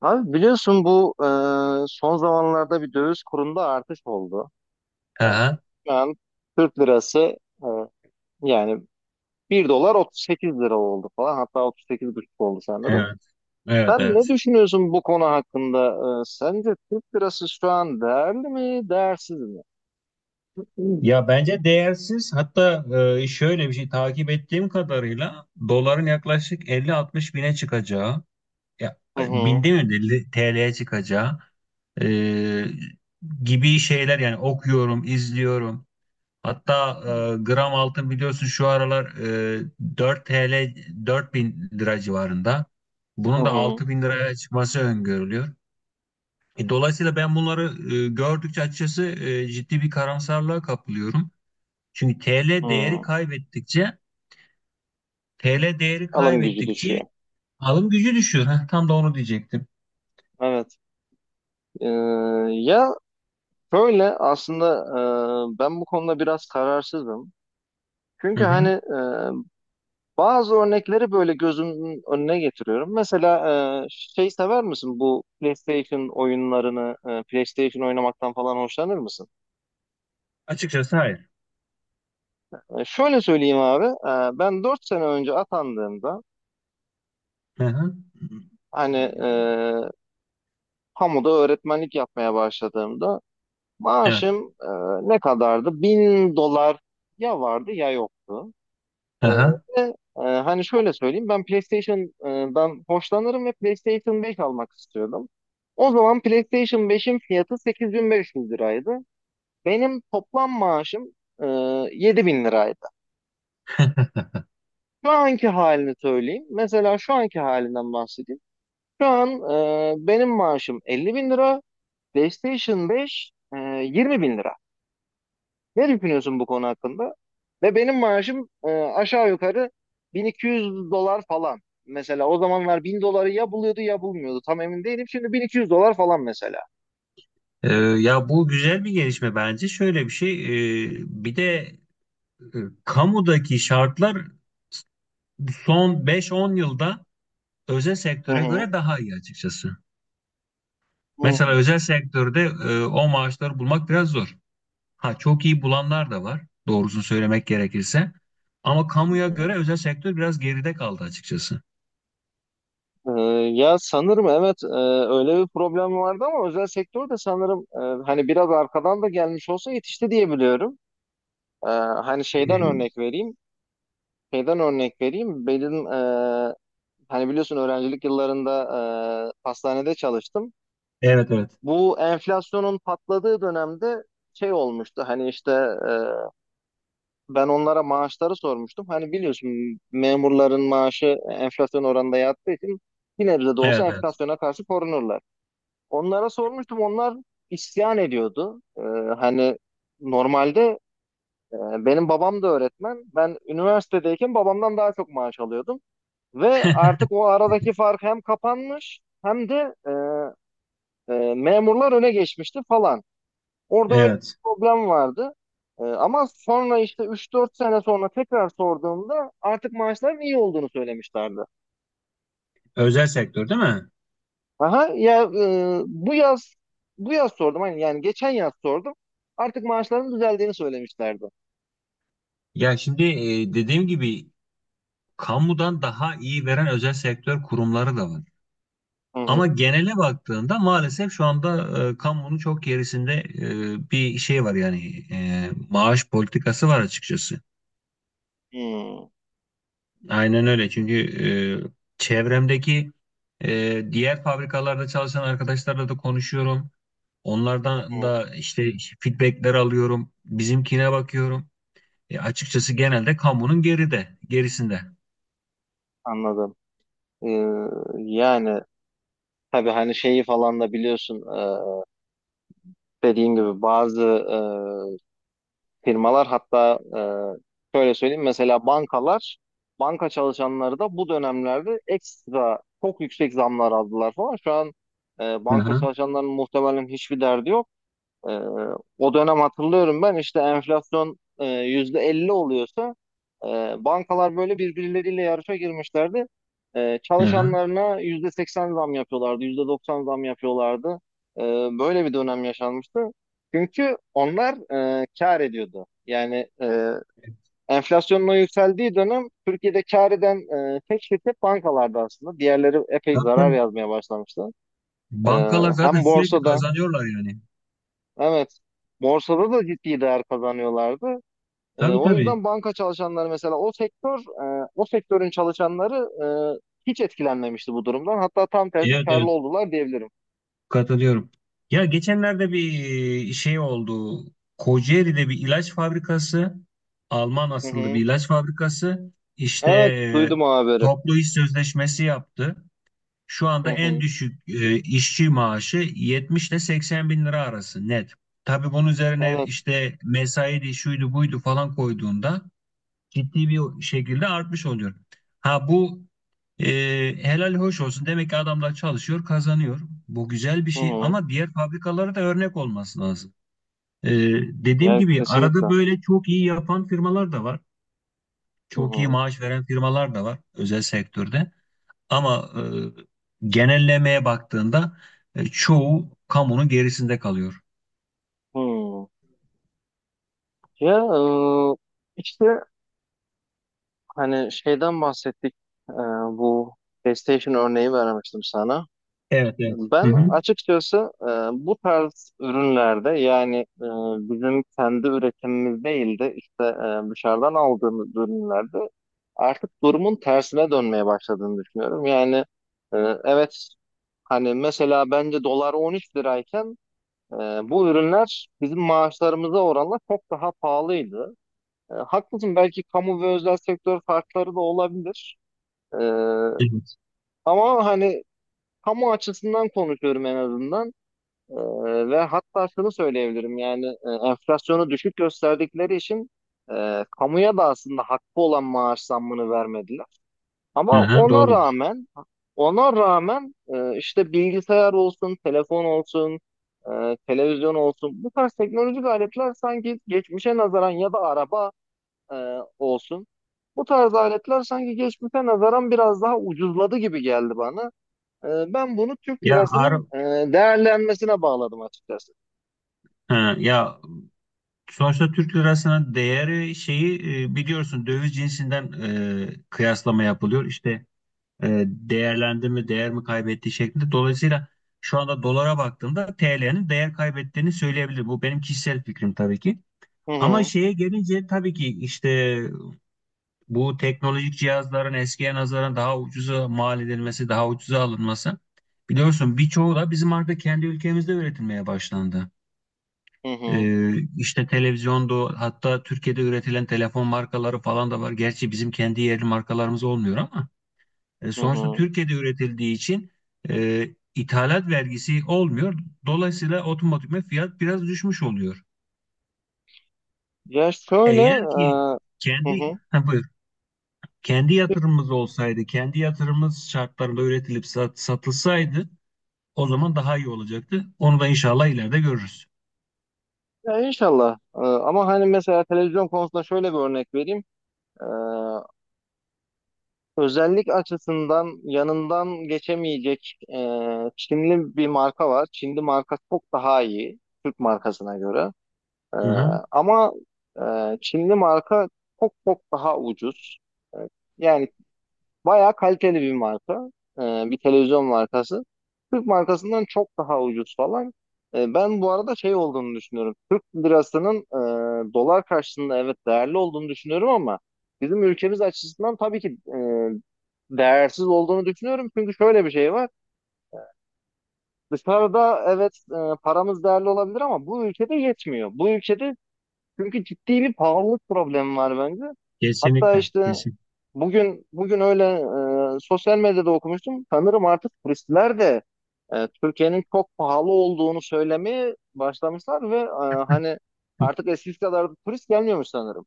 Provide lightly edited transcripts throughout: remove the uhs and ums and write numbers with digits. Abi biliyorsun bu son zamanlarda bir döviz kurunda artış oldu. E, Aha, Şu an Türk lirası, e, yani bir dolar 38 lira oldu falan, hatta 38,5 oldu sanırım. evet, evet, Sen ne evet. düşünüyorsun bu konu hakkında? Sence Türk lirası şu an değerli mi, değersiz mi? Ya bence değersiz. Hatta şöyle bir şey takip ettiğim kadarıyla doların yaklaşık 50-60 bine çıkacağı, ya Hı hı. binde mi 50 TL'ye çıkacağı e, gibi şeyler yani okuyorum, izliyorum. Hatta gram altın biliyorsun şu aralar 4 TL bin lira civarında. Hı Bunun da hı. 6 bin liraya çıkması öngörülüyor. Dolayısıyla ben bunları gördükçe açıkçası ciddi bir karamsarlığa kapılıyorum. Çünkü TL değeri Hı. kaybettikçe TL değeri Alım gücü kaybettikçe düşüyor. alım gücü düşüyor. Heh, tam da onu diyecektim. Evet. Ee, Ya şöyle aslında, ben bu konuda biraz kararsızım. Hı Çünkü hani, hı. Bazı örnekleri böyle gözümün önüne getiriyorum. Mesela şey, sever misin bu PlayStation oyunlarını, PlayStation oynamaktan falan hoşlanır mısın? Açıkçası hayır. Şöyle söyleyeyim abi, ben 4 sene önce atandığımda, Hı hı. hani kamuda öğretmenlik yapmaya başladığımda Evet. maaşım ne kadardı? 1000 dolar ya vardı ya yoktu. Ee, Hı. Ve, hani şöyle söyleyeyim, ben PlayStation'dan hoşlanırım ve PlayStation 5 almak istiyordum. O zaman PlayStation 5'in fiyatı 8500 liraydı. Benim toplam maaşım e, 7000 liraydı. Şu anki halini söyleyeyim. Mesela şu anki halinden bahsedeyim. Şu an benim maaşım 50 bin lira. PlayStation 5 20 bin lira. Ne düşünüyorsun bu konu hakkında? Ve benim maaşım aşağı yukarı 1200 dolar falan. Mesela o zamanlar 1000 doları ya buluyordu ya bulmuyordu. Tam emin değilim. Şimdi 1200 dolar falan mesela. Ya bu güzel bir gelişme bence. Şöyle bir şey, e, bir de e, kamudaki şartlar son 5-10 yılda özel Hı sektöre hı. göre daha iyi açıkçası. Hı Mesela hı. özel sektörde o maaşları bulmak biraz zor. Ha çok iyi bulanlar da var, doğrusunu söylemek gerekirse. Ama kamuya Hı. göre özel sektör biraz geride kaldı açıkçası. E, Ya sanırım evet, öyle bir problem vardı ama özel sektör de sanırım, hani biraz arkadan da gelmiş olsa yetişti diye biliyorum. E, Hani şeyden örnek vereyim. Şeyden örnek vereyim. Benim, hani biliyorsun öğrencilik yıllarında, hastanede çalıştım. Evet, evet. Bu enflasyonun patladığı dönemde şey olmuştu hani işte, ben onlara maaşları sormuştum. Hani biliyorsun memurların maaşı enflasyon oranında yattığı için bir nebze de olsa Evet, evet. enflasyona karşı korunurlar. Onlara sormuştum, onlar isyan ediyordu. Hani normalde, e, benim babam da öğretmen. Ben üniversitedeyken babamdan daha çok maaş alıyordum. Ve artık o aradaki fark hem kapanmış hem de memurlar öne geçmişti falan. Orada öyle Evet. bir problem vardı. Ama sonra işte üç dört sene sonra tekrar sorduğumda artık maaşların iyi olduğunu söylemişlerdi. Özel sektör değil mi? Aha ya, bu yaz sordum, hani yani geçen yaz sordum. Artık maaşların düzeldiğini söylemişlerdi. Ya şimdi dediğim gibi kamudan daha iyi veren özel sektör kurumları da var. Hı hı. Ama genele baktığında maalesef şu anda kamunun çok gerisinde bir şey var yani maaş politikası var açıkçası. Hmm, hı Aynen öyle. Çünkü çevremdeki diğer fabrikalarda çalışan arkadaşlarla da konuşuyorum. Onlardan hı, da işte feedbackler alıyorum. Bizimkine bakıyorum. Açıkçası genelde kamunun geride, gerisinde. anladım. Ee, Yani tabii hani şeyi falan da biliyorsun, dediğin gibi bazı firmalar, hatta şöyle söyleyeyim, mesela bankalar, banka çalışanları da bu dönemlerde ekstra çok yüksek zamlar aldılar falan. Şu an Hı banka hı, çalışanlarının muhtemelen hiçbir derdi yok. Ee, O dönem hatırlıyorum, ben işte enflasyon %50 oluyorsa, e, bankalar böyle birbirleriyle yarışa girmişlerdi. Hı hı. Çalışanlarına %80 zam yapıyorlardı, %90 zam yapıyorlardı. E, Böyle bir dönem yaşanmıştı. Çünkü onlar kar ediyordu. Yani enflasyonun o yükseldiği dönem Türkiye'de kar eden tek şirket bankalardı aslında. Diğerleri epey Tabii, zarar tabii. yazmaya başlamıştı. E, Bankalar zaten Hem sürekli borsada, kazanıyorlar yani. evet. Borsada da ciddi değer kazanıyorlardı. Tabii, O tabii. yüzden banka çalışanları, mesela o sektör, o sektörün çalışanları e, hiç etkilenmemişti bu durumdan. Hatta tam tersi Evet, evet. karlı oldular diyebilirim. Katılıyorum. Ya geçenlerde bir şey oldu. Kocaeli'de bir ilaç fabrikası, Alman Hı asıllı hı. bir ilaç fabrikası işte Evet, duydum o haberi. toplu iş sözleşmesi yaptı. Şu anda Hı en hı. düşük işçi maaşı 70 ile 80 bin lira arası net. Tabii bunun üzerine Evet. işte mesai de şuydu buydu falan koyduğunda ciddi bir şekilde artmış oluyor. Ha bu e, helal hoş olsun. Demek ki adamlar çalışıyor, kazanıyor. Bu güzel bir Hı şey hı. ama diğer fabrikalara da örnek olması lazım. E, Dediğim Evet, gibi kesinlikle. arada böyle çok iyi yapan firmalar da var. Hı Çok iyi hı. maaş veren firmalar da var özel sektörde. Ama genellemeye baktığında çoğu kamunun gerisinde kalıyor. Hı. Ya, e, işte hani şeyden bahsettik. E, Bu PlayStation örneği vermiştim sana. Evet, evet. Hı Ben hı. açıkçası bu tarz ürünlerde, yani e, bizim kendi üretimimiz değil de işte dışarıdan aldığımız ürünlerde artık durumun tersine dönmeye başladığını düşünüyorum. Yani e, evet, hani mesela bence dolar 13 lirayken e, bu ürünler bizim maaşlarımıza oranla çok daha pahalıydı. Haklısın, belki kamu ve özel sektör farkları da olabilir. E, Evet. Ama hani kamu açısından konuşuyorum en azından. Ee, Ve hatta şunu söyleyebilirim, yani enflasyonu düşük gösterdikleri için kamuya da aslında hakkı olan maaş zammını vermediler. Hı Ama hı, ona doğru. rağmen ona rağmen işte bilgisayar olsun, telefon olsun, televizyon olsun, bu tarz teknolojik aletler sanki geçmişe nazaran, ya da araba e, olsun, bu tarz aletler sanki geçmişe nazaran biraz daha ucuzladı gibi geldi bana. E, Ben bunu Türk Ya lirasının değerlenmesine bağladım açıkçası. ha, ya sonuçta Türk lirasının değeri şeyi biliyorsun döviz cinsinden kıyaslama yapılıyor. İşte değerlendi mi değer mi kaybetti şeklinde. Dolayısıyla şu anda dolara baktığımda TL'nin değer kaybettiğini söyleyebilirim. Bu benim kişisel fikrim tabii ki. Hı Ama hı, şeye gelince tabii ki işte bu teknolojik cihazların eskiye nazaran daha ucuza mal edilmesi, daha ucuza alınması. Biliyorsun birçoğu da bizim artık kendi ülkemizde üretilmeye başlandı. hı hı, İşte televizyondu hatta Türkiye'de üretilen telefon markaları falan da var. Gerçi bizim kendi yerli markalarımız olmuyor ama hı sonuçta hı. Türkiye'de üretildiği için e, ithalat vergisi olmuyor. Dolayısıyla otomatikman fiyat biraz düşmüş oluyor. Ya şöyle, Eğer ki hı kendi, hı. ha, buyur. Kendi yatırımımız olsaydı, kendi yatırımımız şartlarında üretilip satılsaydı o zaman daha iyi olacaktı. Onu da inşallah ileride görürüz. Ya inşallah. Ama hani mesela televizyon konusunda şöyle bir örnek vereyim. E, Özellik açısından yanından geçemeyecek Çinli bir marka var. Çinli marka çok daha iyi Türk markasına göre. E, Hı hı. Ama, Çinli marka çok çok daha ucuz. E, Yani bayağı kaliteli bir marka. Ee, Bir televizyon markası. Türk markasından çok daha ucuz falan. Ben bu arada şey olduğunu düşünüyorum. Türk lirasının dolar karşısında evet değerli olduğunu düşünüyorum ama bizim ülkemiz açısından, tabii ki değersiz olduğunu düşünüyorum. Çünkü şöyle bir şey var. Dışarıda evet, paramız değerli olabilir ama bu ülkede yetmiyor. Bu ülkede çünkü ciddi bir pahalılık problemi var bence. Hatta Kesinlikle, işte kesin. bugün öyle sosyal medyada okumuştum. Sanırım artık turistler de Türkiye'nin çok pahalı olduğunu söylemeye başlamışlar ve hani artık eskisi kadar da turist gelmiyormuş sanırım.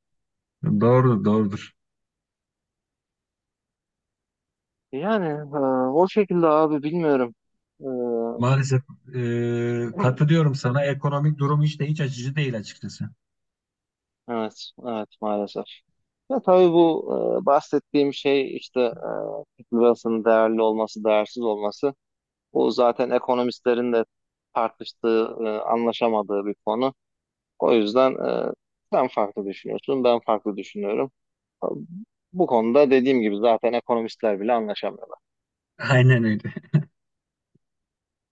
Doğrudur, doğrudur. Yani e, o şekilde abi, bilmiyorum. E, Maalesef katılıyorum sana. Ekonomik durum hiç de hiç açıcı değil açıkçası. evet, evet maalesef. Ya tabii bu, bahsettiğim şey işte, Türk lirasının değerli olması, değersiz olması. Bu zaten ekonomistlerin de tartıştığı, anlaşamadığı bir konu. O yüzden sen farklı düşünüyorsun, ben farklı düşünüyorum. Bu konuda dediğim gibi zaten ekonomistler bile anlaşamıyor. Aynen öyle.